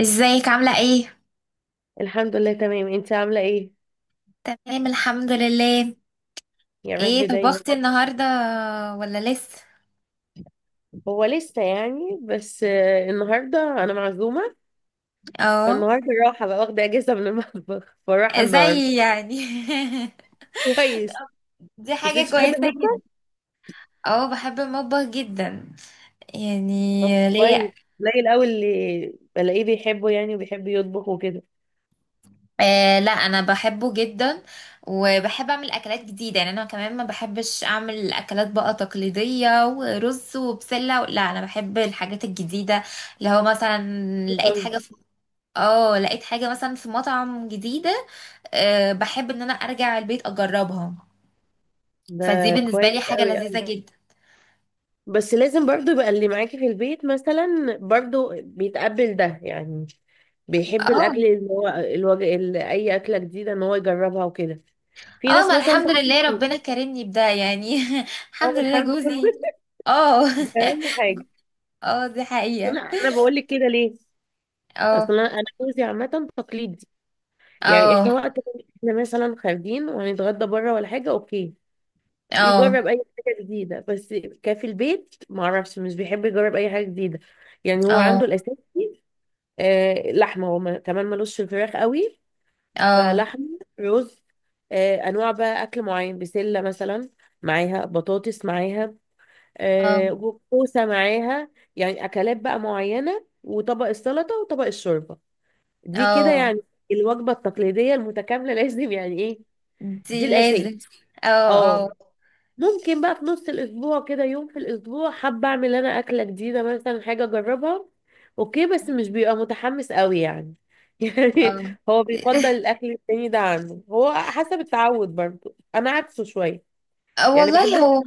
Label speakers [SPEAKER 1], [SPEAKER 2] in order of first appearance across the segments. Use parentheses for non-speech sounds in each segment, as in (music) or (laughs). [SPEAKER 1] ازيك عاملة ايه؟
[SPEAKER 2] الحمد لله تمام. انت عاملة ايه؟
[SPEAKER 1] تمام الحمد لله.
[SPEAKER 2] يا رب
[SPEAKER 1] ايه
[SPEAKER 2] دايما.
[SPEAKER 1] طبختي النهاردة ولا لسه؟
[SPEAKER 2] هو لسه يعني بس النهاردة انا معزومة.
[SPEAKER 1] اه.
[SPEAKER 2] فالنهاردة راحة بقى، واخدة اجازة من المطبخ، فراحة النهاردة.
[SPEAKER 1] زي يعني.
[SPEAKER 2] كويس.
[SPEAKER 1] (laughs) دي
[SPEAKER 2] بس انت
[SPEAKER 1] حاجة
[SPEAKER 2] بتحبي
[SPEAKER 1] كويسة جدا.
[SPEAKER 2] المطبخ.
[SPEAKER 1] اه بحب المطبخ جدا يعني.
[SPEAKER 2] طب
[SPEAKER 1] ليه.
[SPEAKER 2] كويس. قليل قوي اللي بلاقيه بيحبه يعني، وبيحب يطبخ وكده.
[SPEAKER 1] آه لا انا بحبه جدا وبحب اعمل اكلات جديدة، يعني انا كمان ما بحبش اعمل اكلات بقى تقليدية ورز وبسلة، لا انا بحب الحاجات الجديدة اللي هو مثلا. لقيت
[SPEAKER 2] قوي.
[SPEAKER 1] حاجة في. اه لقيت حاجة مثلا في مطعم جديدة. أه بحب ان انا ارجع البيت اجربها. فدي
[SPEAKER 2] ده
[SPEAKER 1] بالنسبه
[SPEAKER 2] كويس.
[SPEAKER 1] لي حاجه
[SPEAKER 2] قوي.
[SPEAKER 1] لذيذه جدا.
[SPEAKER 2] بس لازم برضو يبقى اللي معاكي في البيت مثلا برضو بيتقبل ده يعني. بيحب
[SPEAKER 1] اه
[SPEAKER 2] الاكل، اللي هو الوجه اللي اي اكله جديده ان هو يجربها وكده. في
[SPEAKER 1] اه
[SPEAKER 2] ناس
[SPEAKER 1] ما
[SPEAKER 2] مثلا
[SPEAKER 1] الحمد لله
[SPEAKER 2] تقول.
[SPEAKER 1] ربنا كرمني بده يعني. (laughs)
[SPEAKER 2] طب
[SPEAKER 1] الحمد لله
[SPEAKER 2] الحمد لله. (laughs)
[SPEAKER 1] جوزي. اه.
[SPEAKER 2] ده اهم حاجه.
[SPEAKER 1] (laughs) اه دي
[SPEAKER 2] بس
[SPEAKER 1] حقيقه.
[SPEAKER 2] انا بقول لك كده ليه.
[SPEAKER 1] اه.
[SPEAKER 2] اصلا أنا جوزي عامه تقليدي. يعني احنا
[SPEAKER 1] اه.
[SPEAKER 2] وقت ما احنا مثلا خارجين وهنتغدى بره ولا حاجه، اوكي،
[SPEAKER 1] اه.
[SPEAKER 2] يجرب اي حاجه جديده. بس كان في البيت ما اعرفش، مش بيحب يجرب اي حاجه جديده. يعني هو عنده
[SPEAKER 1] اه.
[SPEAKER 2] الاساسي. لحمة هو كمان ملوش في الفراخ قوي.
[SPEAKER 1] اه.
[SPEAKER 2] فلحمة رز. أنواع بقى أكل معين، بسلة مثلا معاها بطاطس معاها،
[SPEAKER 1] اه.
[SPEAKER 2] كوسة معاها. يعني أكلات بقى معينة، وطبق السلطة وطبق الشوربة. دي كده
[SPEAKER 1] اه
[SPEAKER 2] يعني الوجبة التقليدية المتكاملة (laughs) لازم يعني إيه.
[SPEAKER 1] دي
[SPEAKER 2] دي الأساس.
[SPEAKER 1] لازم. اه
[SPEAKER 2] اه.
[SPEAKER 1] اه
[SPEAKER 2] ممكن بقى في نص الاسبوع كده يوم في الاسبوع حابه اعمل انا اكله جديده، مثلا حاجه اجربها. اوكي بس مش بيبقى متحمس قوي يعني. (laughs) يعني
[SPEAKER 1] اه.
[SPEAKER 2] هو بيفضل الاكل التاني ده عنه، هو حسب التعود برضو، انا عكسه شويه
[SPEAKER 1] آه،
[SPEAKER 2] يعني،
[SPEAKER 1] والله
[SPEAKER 2] بحب.
[SPEAKER 1] هو.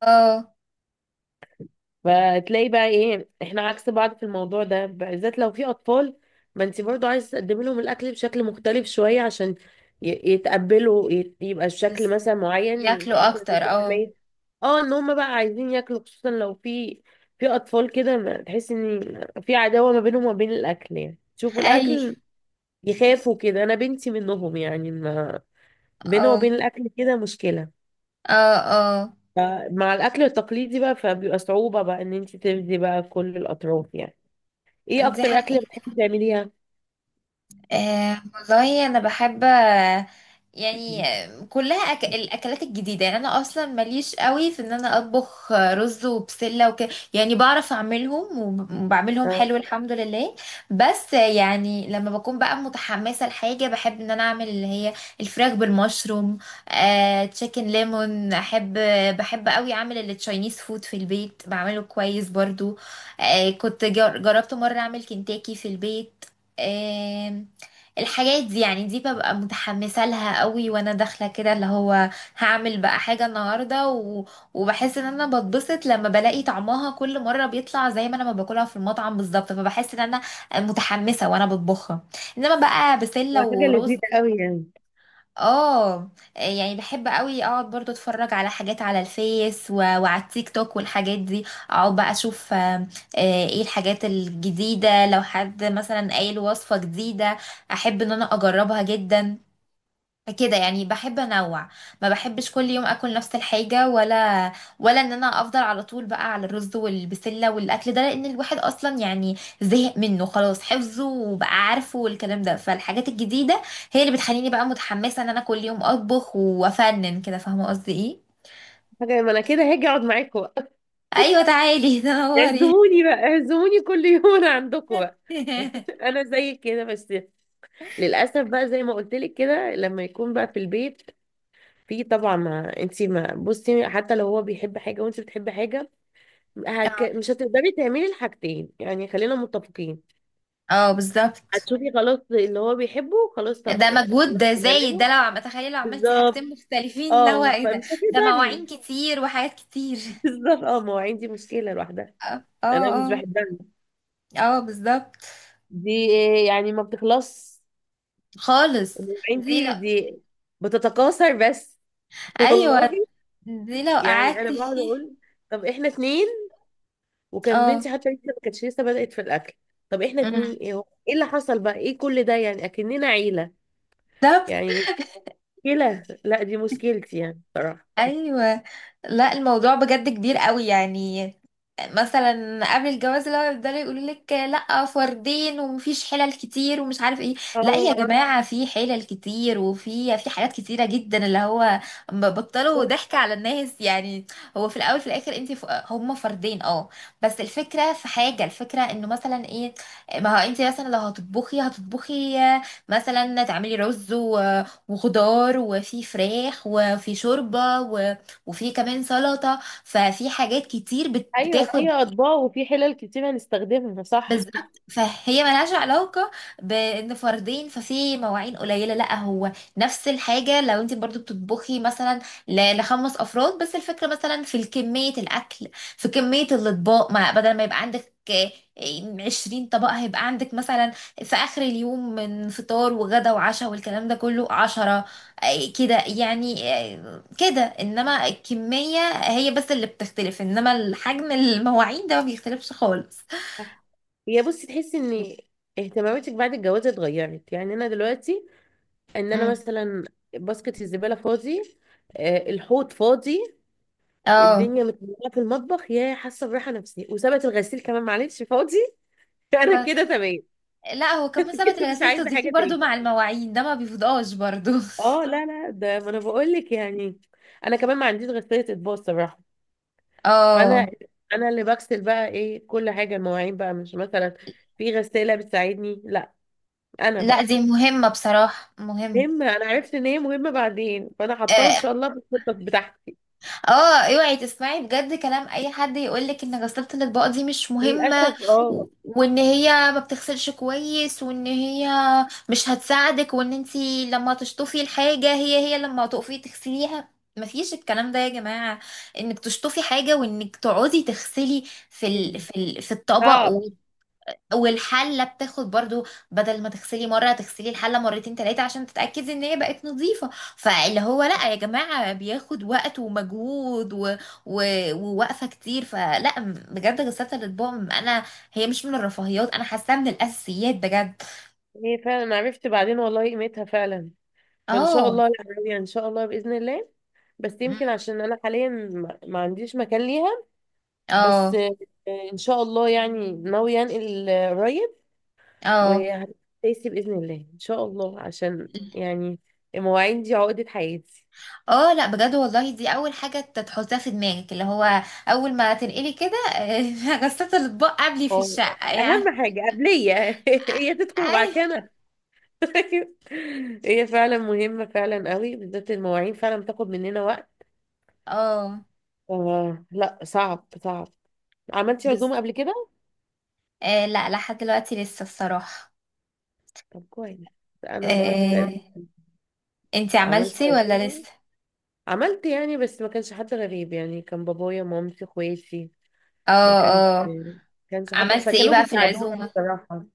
[SPEAKER 1] اه.
[SPEAKER 2] فتلاقي بقى ايه احنا عكس بعض في الموضوع ده، بالذات لو في اطفال. ما انت برضو عايز تقدمي لهم الاكل بشكل مختلف شويه عشان يتقبلوا، يبقى الشكل
[SPEAKER 1] بس
[SPEAKER 2] مثلا معين
[SPEAKER 1] ياكلوا
[SPEAKER 2] بحيث ان
[SPEAKER 1] اكتر
[SPEAKER 2] في
[SPEAKER 1] اه.
[SPEAKER 2] حمايه. اه ان هم بقى عايزين ياكلوا، خصوصا لو في اطفال كده، تحس ان في عداوه ما بينهم وما بين الاكل، يعني شوفوا
[SPEAKER 1] (laughs) اي.
[SPEAKER 2] الاكل يخافوا كده. انا بنتي منهم يعني، ما بينه
[SPEAKER 1] اه.
[SPEAKER 2] وبين الاكل كده مشكله.
[SPEAKER 1] اه. اه.
[SPEAKER 2] فمع الاكل التقليدي بقى فبيبقى صعوبه بقى ان انت تفدي بقى كل الاطراف يعني. ايه
[SPEAKER 1] دي
[SPEAKER 2] اكتر اكله
[SPEAKER 1] حقيقة.
[SPEAKER 2] بتحبي تعمليها؟
[SPEAKER 1] أه والله انا بحب يعني كلها الاكلات الجديده، يعني انا اصلا ماليش قوي في ان انا اطبخ رز وبسله وكده. يعني بعرف اعملهم وبعملهم
[SPEAKER 2] اه
[SPEAKER 1] حلو الحمد لله. بس يعني لما بكون بقى متحمسه لحاجه، بحب ان انا اعمل اللي هي الفراخ بالمشروم. أه تشيكن ليمون احب. بحب قوي اعمل التشاينيز فود في البيت، بعمله كويس برضو. أه جربت مره اعمل كنتاكي في البيت. الحاجات دي يعني دي ببقى متحمسة لها قوي، وانا داخلة كده اللي هو هعمل بقى حاجة النهاردة وبحس ان انا بتبسط لما بلاقي طعمها كل مرة بيطلع زي ما انا ما باكلها في المطعم بالظبط، فبحس ان انا متحمسة وانا بطبخها. انما بقى
[SPEAKER 2] ده
[SPEAKER 1] بسلة
[SPEAKER 2] حاجه
[SPEAKER 1] ورز.
[SPEAKER 2] لذيذه قوي يعني.
[SPEAKER 1] اه. يعني بحب قوي اقعد برضو اتفرج على حاجات على الفيس وعلى التيك توك والحاجات دي. اقعد بقى اشوف ايه الحاجات الجديدة. لو حد مثلا قايل وصفة جديدة احب ان انا اجربها جدا. كده يعني بحب انوع، ما بحبش كل يوم اكل نفس الحاجه ولا ان انا افضل على طول بقى على الرز والبسله والاكل ده، لان الواحد اصلا يعني زهق منه خلاص، حفظه وبقى عارفه والكلام ده، فالحاجات الجديده هي اللي بتخليني بقى متحمسه ان انا كل يوم اطبخ وافنن كده، فاهمه قصدي ايه.
[SPEAKER 2] حاجه، ما انا كده هاجي اقعد معاكم بقى.
[SPEAKER 1] ايوه تعالي
[SPEAKER 2] (laughs)
[SPEAKER 1] تنوري.
[SPEAKER 2] اعزموني بقى، اعزموني كل يوم انا عندكم بقى.
[SPEAKER 1] (laughs)
[SPEAKER 2] (laughs) انا زي كده بس. للاسف بقى زي ما قلت لك كده، لما يكون بقى في البيت في طبعا، ما انت ما بصي حتى لو هو بيحب حاجه وانت بتحبي حاجه،
[SPEAKER 1] اه.
[SPEAKER 2] مش هتقدري تعملي الحاجتين، يعني خلينا متفقين.
[SPEAKER 1] اه بالظبط.
[SPEAKER 2] هتشوفي خلاص اللي هو بيحبه، خلاص طب
[SPEAKER 1] ده مجهود
[SPEAKER 2] خلاص
[SPEAKER 1] ده زايد، ده
[SPEAKER 2] بنعمله.
[SPEAKER 1] لو عم تخيل لو عملتي
[SPEAKER 2] بالظبط.
[SPEAKER 1] حاجتين مختلفين، لا هو
[SPEAKER 2] اه
[SPEAKER 1] ايه ده.
[SPEAKER 2] فمش
[SPEAKER 1] ده
[SPEAKER 2] هتقدري.
[SPEAKER 1] مواعين كتير وحاجات كتير.
[SPEAKER 2] بالظبط. اه ما هو عندي مشكلة لوحدها،
[SPEAKER 1] اه
[SPEAKER 2] انا مش
[SPEAKER 1] اه.
[SPEAKER 2] بحبها
[SPEAKER 1] اه بالظبط.
[SPEAKER 2] دي، يعني ما بتخلص
[SPEAKER 1] خالص. دي لو.
[SPEAKER 2] عندي دي، بتتكاثر بس. (laughs) والله.
[SPEAKER 1] ايوه دي لو
[SPEAKER 2] يعني انا
[SPEAKER 1] قعدت
[SPEAKER 2] بقعد
[SPEAKER 1] فيه.
[SPEAKER 2] اقول طب احنا اتنين، وكان
[SPEAKER 1] اه.
[SPEAKER 2] بنتي حتى لسه ما كانتش لسه بدأت في الاكل. طب احنا اتنين،
[SPEAKER 1] أمم.
[SPEAKER 2] ايه هو، ايه اللي حصل بقى، ايه كل ده، يعني اكننا عيلة.
[SPEAKER 1] ده.
[SPEAKER 2] يعني مشكلة، لا دي مشكلتي يعني صراحة.
[SPEAKER 1] ايوه. لا الموضوع بجد كبير قوي يعني. مثلا قبل الجواز لو يفضلوا يقولوا لك لا فردين ومفيش حلل كتير ومش عارف ايه. لا يا
[SPEAKER 2] اه
[SPEAKER 1] جماعه في حلل كتير وفي حاجات كتيره جدا اللي هو بطلوا
[SPEAKER 2] بالظبط.
[SPEAKER 1] ضحك على الناس يعني. هو في الاول في الاخر انت هم فردين اه. بس الفكره في حاجه، الفكره انه مثلا ايه. ما هو انت مثلا لو هتطبخي هتطبخي مثلا تعملي رز وخضار وفي فراخ وفي شوربة وفي كمان سلطة. ففي حاجات كتير
[SPEAKER 2] ايوه
[SPEAKER 1] بتاخد.
[SPEAKER 2] فيها اطباق وفي حلل كتير هنستخدمها، صح.
[SPEAKER 1] بالظبط. فهي ملهاش علاقة بان فردين ففي مواعين قليلة لا هو. نفس الحاجة لو انت برضو بتطبخي مثلا لخمس افراد. بس الفكرة مثلا في كمية الاكل، في كمية الاطباق، ما بدل ما يبقى عندك 20 طبق هيبقى عندك مثلا في اخر اليوم من فطار وغدا وعشاء والكلام ده كله 10. كده يعني كده، انما الكمية هي بس اللي بتختلف، انما الحجم المواعين ده ما بيختلفش خالص.
[SPEAKER 2] صح. هي بصي، تحسي ان اهتماماتك بعد الجواز اتغيرت؟ يعني انا دلوقتي ان انا مثلا باسكت الزباله فاضي، الحوض فاضي،
[SPEAKER 1] اه.
[SPEAKER 2] الدنيا متملة في المطبخ، يا حاسه براحه نفسيه. وسابت الغسيل كمان، معلش فاضي. (laughs) انا
[SPEAKER 1] آه،
[SPEAKER 2] كده تمام.
[SPEAKER 1] لا هو كمان سابت
[SPEAKER 2] (laughs) مش
[SPEAKER 1] الغسيل
[SPEAKER 2] عايزه
[SPEAKER 1] تضيفيه
[SPEAKER 2] حاجه
[SPEAKER 1] برضو،
[SPEAKER 2] تاني.
[SPEAKER 1] مع المواعين ده ما بيفضقش برضو.
[SPEAKER 2] اه
[SPEAKER 1] (laughs)
[SPEAKER 2] لا لا، ده ما انا بقول لك يعني، انا كمان ما عنديش غساله اطباق الصراحه. فانا
[SPEAKER 1] اه
[SPEAKER 2] انا اللي بغسل بقى ايه كل حاجه، المواعين بقى مش مثلا في غساله بتساعدني، لا انا
[SPEAKER 1] لا
[SPEAKER 2] بقى.
[SPEAKER 1] دي مهمة بصراحة، مهمة.
[SPEAKER 2] مهمة. أنا عرفت إن هي مهمة بعدين، فأنا حطاها إن
[SPEAKER 1] اه.
[SPEAKER 2] شاء الله في الخطط بتاعتي.
[SPEAKER 1] اوعي تسمعي بجد كلام اي حد يقولك ان غسالة الاطباق دي مش مهمة،
[SPEAKER 2] للأسف اه.
[SPEAKER 1] وان هي ما بتغسلش كويس، وان هي مش هتساعدك، وان انتي لما تشطفي الحاجة هي لما تقفي تغسليها مفيش الكلام ده يا جماعة. انك تشطفي حاجة وانك تقعدي تغسلي في الطبق
[SPEAKER 2] صعب.
[SPEAKER 1] والحلة بتاخد برضو، بدل ما تغسلي مرة تغسلي الحلة مرتين تلاتة عشان تتأكدي ان هي بقت نظيفة. فاللي هو لا يا جماعة بياخد وقت ومجهود و... ووقفة كتير. فلا بجد غسالة الأطباق انا هي مش من الرفاهيات، انا حاساها من الأساسيات بجد.
[SPEAKER 2] هي فعلا، أنا عرفت بعدين والله قيمتها فعلا، فإن شاء
[SPEAKER 1] اه.
[SPEAKER 2] الله يعني، إن شاء الله بإذن الله. بس
[SPEAKER 1] مم.
[SPEAKER 2] يمكن عشان أنا حاليا ما عنديش مكان ليها. بس
[SPEAKER 1] اه
[SPEAKER 2] إن شاء الله يعني، ناوية أنقل قريب،
[SPEAKER 1] اه.
[SPEAKER 2] وهتأسي بإذن الله إن شاء الله، عشان يعني المواعين دي عقدة حياتي.
[SPEAKER 1] اه لا بجد والله دي اول حاجة تحطها في دماغك، اللي هو اول ما تنقلي كده، (laughs) غسالة الاطباق قبلي في
[SPEAKER 2] اه
[SPEAKER 1] الشقة يعني.
[SPEAKER 2] أهم حاجة قبلية (laughs) هي تدخل وبعد
[SPEAKER 1] أي-
[SPEAKER 2] كده أنا. (laughs) أيوة. هي فعلا مهمة، فعلا قوي، بالذات المواعين فعلا بتاخد مننا وقت.
[SPEAKER 1] اه
[SPEAKER 2] آه لا، صعب صعب. عملتي
[SPEAKER 1] بس.
[SPEAKER 2] عزومة قبل كده؟
[SPEAKER 1] آه لا لحد دلوقتي لسه، الصراحة.
[SPEAKER 2] طب كويس. أنا برضو
[SPEAKER 1] آه
[SPEAKER 2] تقريبا
[SPEAKER 1] انتي
[SPEAKER 2] عملت
[SPEAKER 1] عملتي ولا
[SPEAKER 2] عزومة.
[SPEAKER 1] لسه.
[SPEAKER 2] عملت يعني، بس ما كانش حد غريب يعني، كان بابايا مامتي اخواتي. ما
[SPEAKER 1] اه
[SPEAKER 2] كانش
[SPEAKER 1] اه.
[SPEAKER 2] كانش حد،
[SPEAKER 1] عملتي ايه
[SPEAKER 2] فكانوا
[SPEAKER 1] بقى في
[SPEAKER 2] بيساعدوني
[SPEAKER 1] العزومة.
[SPEAKER 2] بصراحة.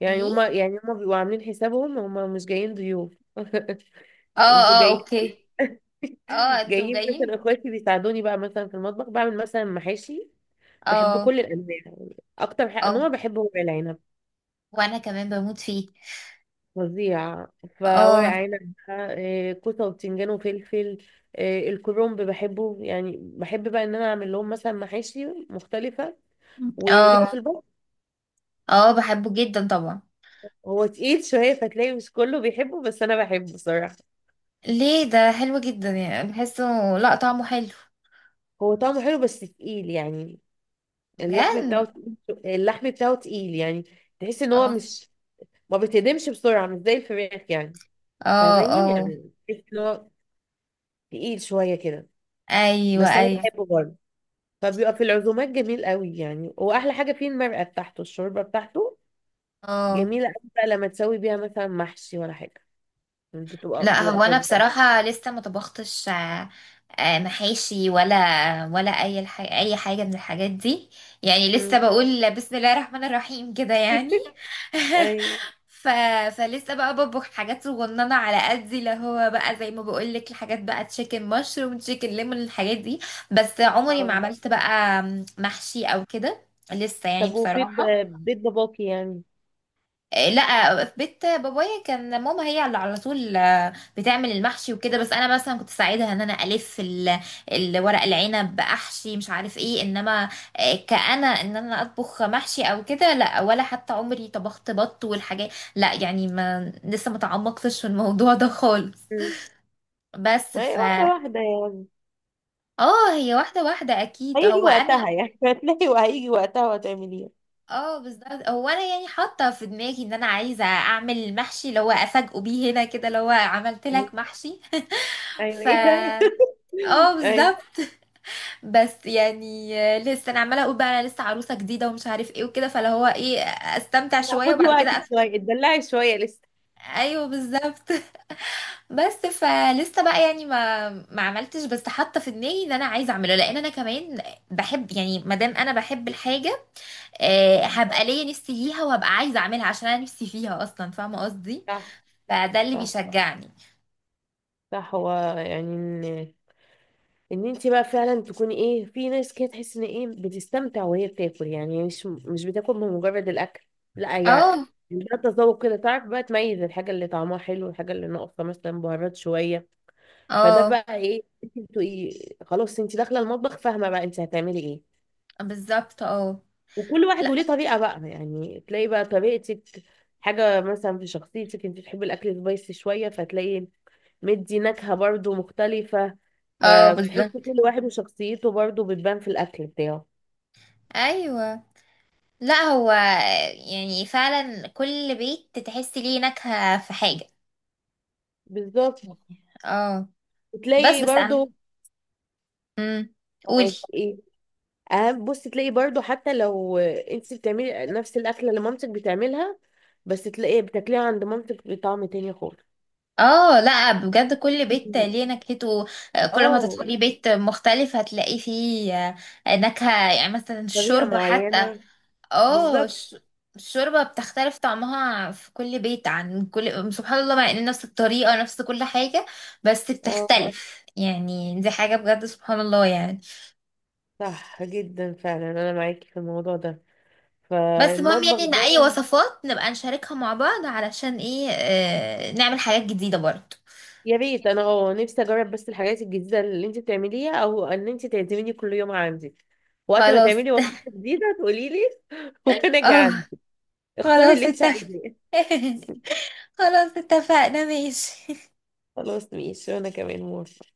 [SPEAKER 2] يعني
[SPEAKER 1] ايه.
[SPEAKER 2] هما بيبقوا عاملين حسابهم، هما مش جايين ضيوف (laughs)
[SPEAKER 1] اه
[SPEAKER 2] انتوا
[SPEAKER 1] اه
[SPEAKER 2] جايين.
[SPEAKER 1] اوكي. اه انتوا
[SPEAKER 2] جايين مثلا
[SPEAKER 1] جايين.
[SPEAKER 2] اخواتي بيساعدوني بقى مثلا في المطبخ، بعمل مثلا محاشي. بحب
[SPEAKER 1] اه
[SPEAKER 2] كل الانواع يعني. اكتر حاجة
[SPEAKER 1] اه
[SPEAKER 2] نوع بحبه ورق العنب.
[SPEAKER 1] وانا كمان بموت فيه.
[SPEAKER 2] فظيع. فورق
[SPEAKER 1] اه
[SPEAKER 2] عنب بقى، كوسه وبتنجان وفلفل، الكرنب بحبه، يعني بحب بقى ان انا اعمل لهم مثلا محاشي مختلفه. وليكي في
[SPEAKER 1] اه
[SPEAKER 2] البط.
[SPEAKER 1] اه بحبه جدا طبعا.
[SPEAKER 2] هو تقيل شويه، فتلاقي مش كله بيحبه، بس انا بحبه صراحه.
[SPEAKER 1] ليه، ده حلو جدا يعني بحسه. لا طعمه حلو.
[SPEAKER 2] هو طعمه حلو بس تقيل يعني،
[SPEAKER 1] بجد.
[SPEAKER 2] اللحم بتاعه تقيل يعني. تحس
[SPEAKER 1] (laughs)
[SPEAKER 2] ان هو
[SPEAKER 1] اه
[SPEAKER 2] مش، ما بيتهدمش بسرعه، مش زي الفراخ يعني.
[SPEAKER 1] اه
[SPEAKER 2] فاهماني؟
[SPEAKER 1] اه
[SPEAKER 2] يعني تحس ان هو تقيل شويه كده،
[SPEAKER 1] ايوه
[SPEAKER 2] بس انا
[SPEAKER 1] ايوه.
[SPEAKER 2] بحبه برضه. فبيبقى في العزومات جميل قوي يعني، واحلى حاجه فيه المرقه بتاعته، الشوربه بتاعته
[SPEAKER 1] اه
[SPEAKER 2] جميله قوي بقى. لما تسوي بيها مثلا محشي ولا حاجه، بتبقى
[SPEAKER 1] لا
[SPEAKER 2] بتبقى
[SPEAKER 1] هو انا
[SPEAKER 2] فظيعه.
[SPEAKER 1] بصراحه لسه ما طبختش محاشي ولا اي اي حاجه من الحاجات دي. يعني لسه
[SPEAKER 2] مم.
[SPEAKER 1] بقول بسم الله الرحمن الرحيم كده يعني.
[SPEAKER 2] (laughs)
[SPEAKER 1] (laughs)
[SPEAKER 2] ايوه.
[SPEAKER 1] ف... فلسه بقى بطبخ حاجات صغننه على قدي، اللي هو بقى زي ما بقول لك، الحاجات بقى تشيكن مشروم تشيكن ليمون الحاجات دي. بس عمري ما
[SPEAKER 2] اه
[SPEAKER 1] عملت بقى محشي او كده، لسه يعني
[SPEAKER 2] طب وفي
[SPEAKER 1] بصراحه.
[SPEAKER 2] بيت باباكي يعني.
[SPEAKER 1] لا في بيت بابايا كان ماما هي اللي على طول بتعمل المحشي وكده. بس انا مثلا كنت ساعدها ان انا الف الورق العنب احشي مش عارف ايه. انما كأنا ان انا اطبخ محشي او كده لا، ولا حتى عمري طبخت بط والحاجات لا، يعني ما لسه ما تعمقتش في الموضوع ده خالص.
[SPEAKER 2] مم.
[SPEAKER 1] بس
[SPEAKER 2] ما هي واحده واحده يعني،
[SPEAKER 1] اه هي واحدة واحدة اكيد،
[SPEAKER 2] هيجي
[SPEAKER 1] هو انا.
[SPEAKER 2] وقتها يعني (laughs) هتلاقي وهيجي وقتها وهتعمليها.
[SPEAKER 1] اه بالظبط. هو انا يعني حاطه في دماغي ان انا عايزه اعمل المحشي اللي هو افاجئه بيه هنا كده، اللي هو عملت
[SPEAKER 2] ايوه
[SPEAKER 1] لك محشي.
[SPEAKER 2] أيوة،
[SPEAKER 1] ف
[SPEAKER 2] ايه ده.
[SPEAKER 1] اه
[SPEAKER 2] (laughs) ايوه.
[SPEAKER 1] بالظبط. بس يعني لسه انا عماله اقول بقى انا لسه عروسه جديده ومش عارف ايه وكده، فاللي هو ايه استمتع
[SPEAKER 2] لا
[SPEAKER 1] شويه
[SPEAKER 2] خدي
[SPEAKER 1] وبعد كده
[SPEAKER 2] وقتك شويه، اتدلعي شويه لسه.
[SPEAKER 1] ايوه بالظبط. (laughs) بس فلسه بقى يعني ما عملتش، بس حاطه في دماغي ان انا عايزه اعمله لان انا كمان بحب. يعني ما دام انا بحب الحاجه
[SPEAKER 2] آه.
[SPEAKER 1] هبقى ليا نفسي ليها وهبقى عايزه اعملها عشان انا نفسي فيها اصلا، فاهمه قصدي.
[SPEAKER 2] صح
[SPEAKER 1] فده اللي
[SPEAKER 2] صح
[SPEAKER 1] بيشجعني.
[SPEAKER 2] صح. هو يعني ان انت بقى فعلا تكوني ايه، في ناس كده تحس ان ايه بتستمتع وهي بتاكل، يعني مش بتاكل من مجرد الاكل. لا هي
[SPEAKER 1] اه
[SPEAKER 2] ده تذوق كده، تعرف بقى تميز الحاجه اللي طعمها حلو والحاجه اللي ناقصه مثلا بهارات شويه. فده
[SPEAKER 1] اه
[SPEAKER 2] بقى ايه، انت بتبقي خلاص انت داخله المطبخ فاهمه بقى انت هتعملي ايه.
[SPEAKER 1] بالظبط. اه
[SPEAKER 2] وكل واحد
[SPEAKER 1] لا.
[SPEAKER 2] وليه طريقه بقى، يعني تلاقي بقى طريقتك، حاجه مثلا في شخصيتك. انت بتحبي الاكل سبايسي شويه، فتلاقي مدي نكهة برضو مختلفة.
[SPEAKER 1] اه
[SPEAKER 2] فبتحس
[SPEAKER 1] بالظبط.
[SPEAKER 2] كل واحد وشخصيته برضو بتبان في الأكل بتاعه.
[SPEAKER 1] ايوه لا هو يعني فعلا كل بيت تحس ليه نكهة في حاجة.
[SPEAKER 2] بالظبط.
[SPEAKER 1] اه بس
[SPEAKER 2] بتلاقي
[SPEAKER 1] بس عم.
[SPEAKER 2] برضو.
[SPEAKER 1] امم. قولي.
[SPEAKER 2] معاك ايه؟ اهم بص، تلاقي برضو حتى لو انت بتعملي نفس الأكلة اللي مامتك بتعملها، بس تلاقي بتاكليها عند مامتك بطعم تاني خالص.
[SPEAKER 1] اه لا بجد كل بيت
[SPEAKER 2] (laughs)
[SPEAKER 1] ليه نكهته. كل ما
[SPEAKER 2] اه،
[SPEAKER 1] تدخلي بيت مختلف هتلاقي فيه نكهة. يعني مثلا
[SPEAKER 2] طريقة
[SPEAKER 1] الشوربة حتى
[SPEAKER 2] معينة.
[SPEAKER 1] اه
[SPEAKER 2] بالظبط.
[SPEAKER 1] الشوربة بتختلف طعمها في كل بيت عن كل، سبحان الله مع ان نفس الطريقة نفس كل حاجة بس
[SPEAKER 2] اه
[SPEAKER 1] بتختلف يعني، دي حاجة بجد سبحان الله يعني.
[SPEAKER 2] صح جدا فعلا، انا معاكي في الموضوع ده.
[SPEAKER 1] بس مهم
[SPEAKER 2] فالمطبخ،
[SPEAKER 1] يعني ان اي وصفات نبقى نشاركها مع بعض علشان ايه آه نعمل حاجات جديدة برضه.
[SPEAKER 2] يا ريت انا نفسي اجرب بس الحاجات الجديده اللي انت بتعمليها، او ان انت تعزميني كل يوم عندك. وقت ما
[SPEAKER 1] خلاص.
[SPEAKER 2] تعملي وصفه
[SPEAKER 1] (laughs)
[SPEAKER 2] جديده تقولي لي. (laughs) وانا
[SPEAKER 1] اه
[SPEAKER 2] جعانه. اختاري اللي
[SPEAKER 1] خلاص
[SPEAKER 2] انت
[SPEAKER 1] اتفق.
[SPEAKER 2] عايزاه.
[SPEAKER 1] (laughs) خلاص اتفقنا ماشي.
[SPEAKER 2] خلاص ماشي، وانا كمان موافقة.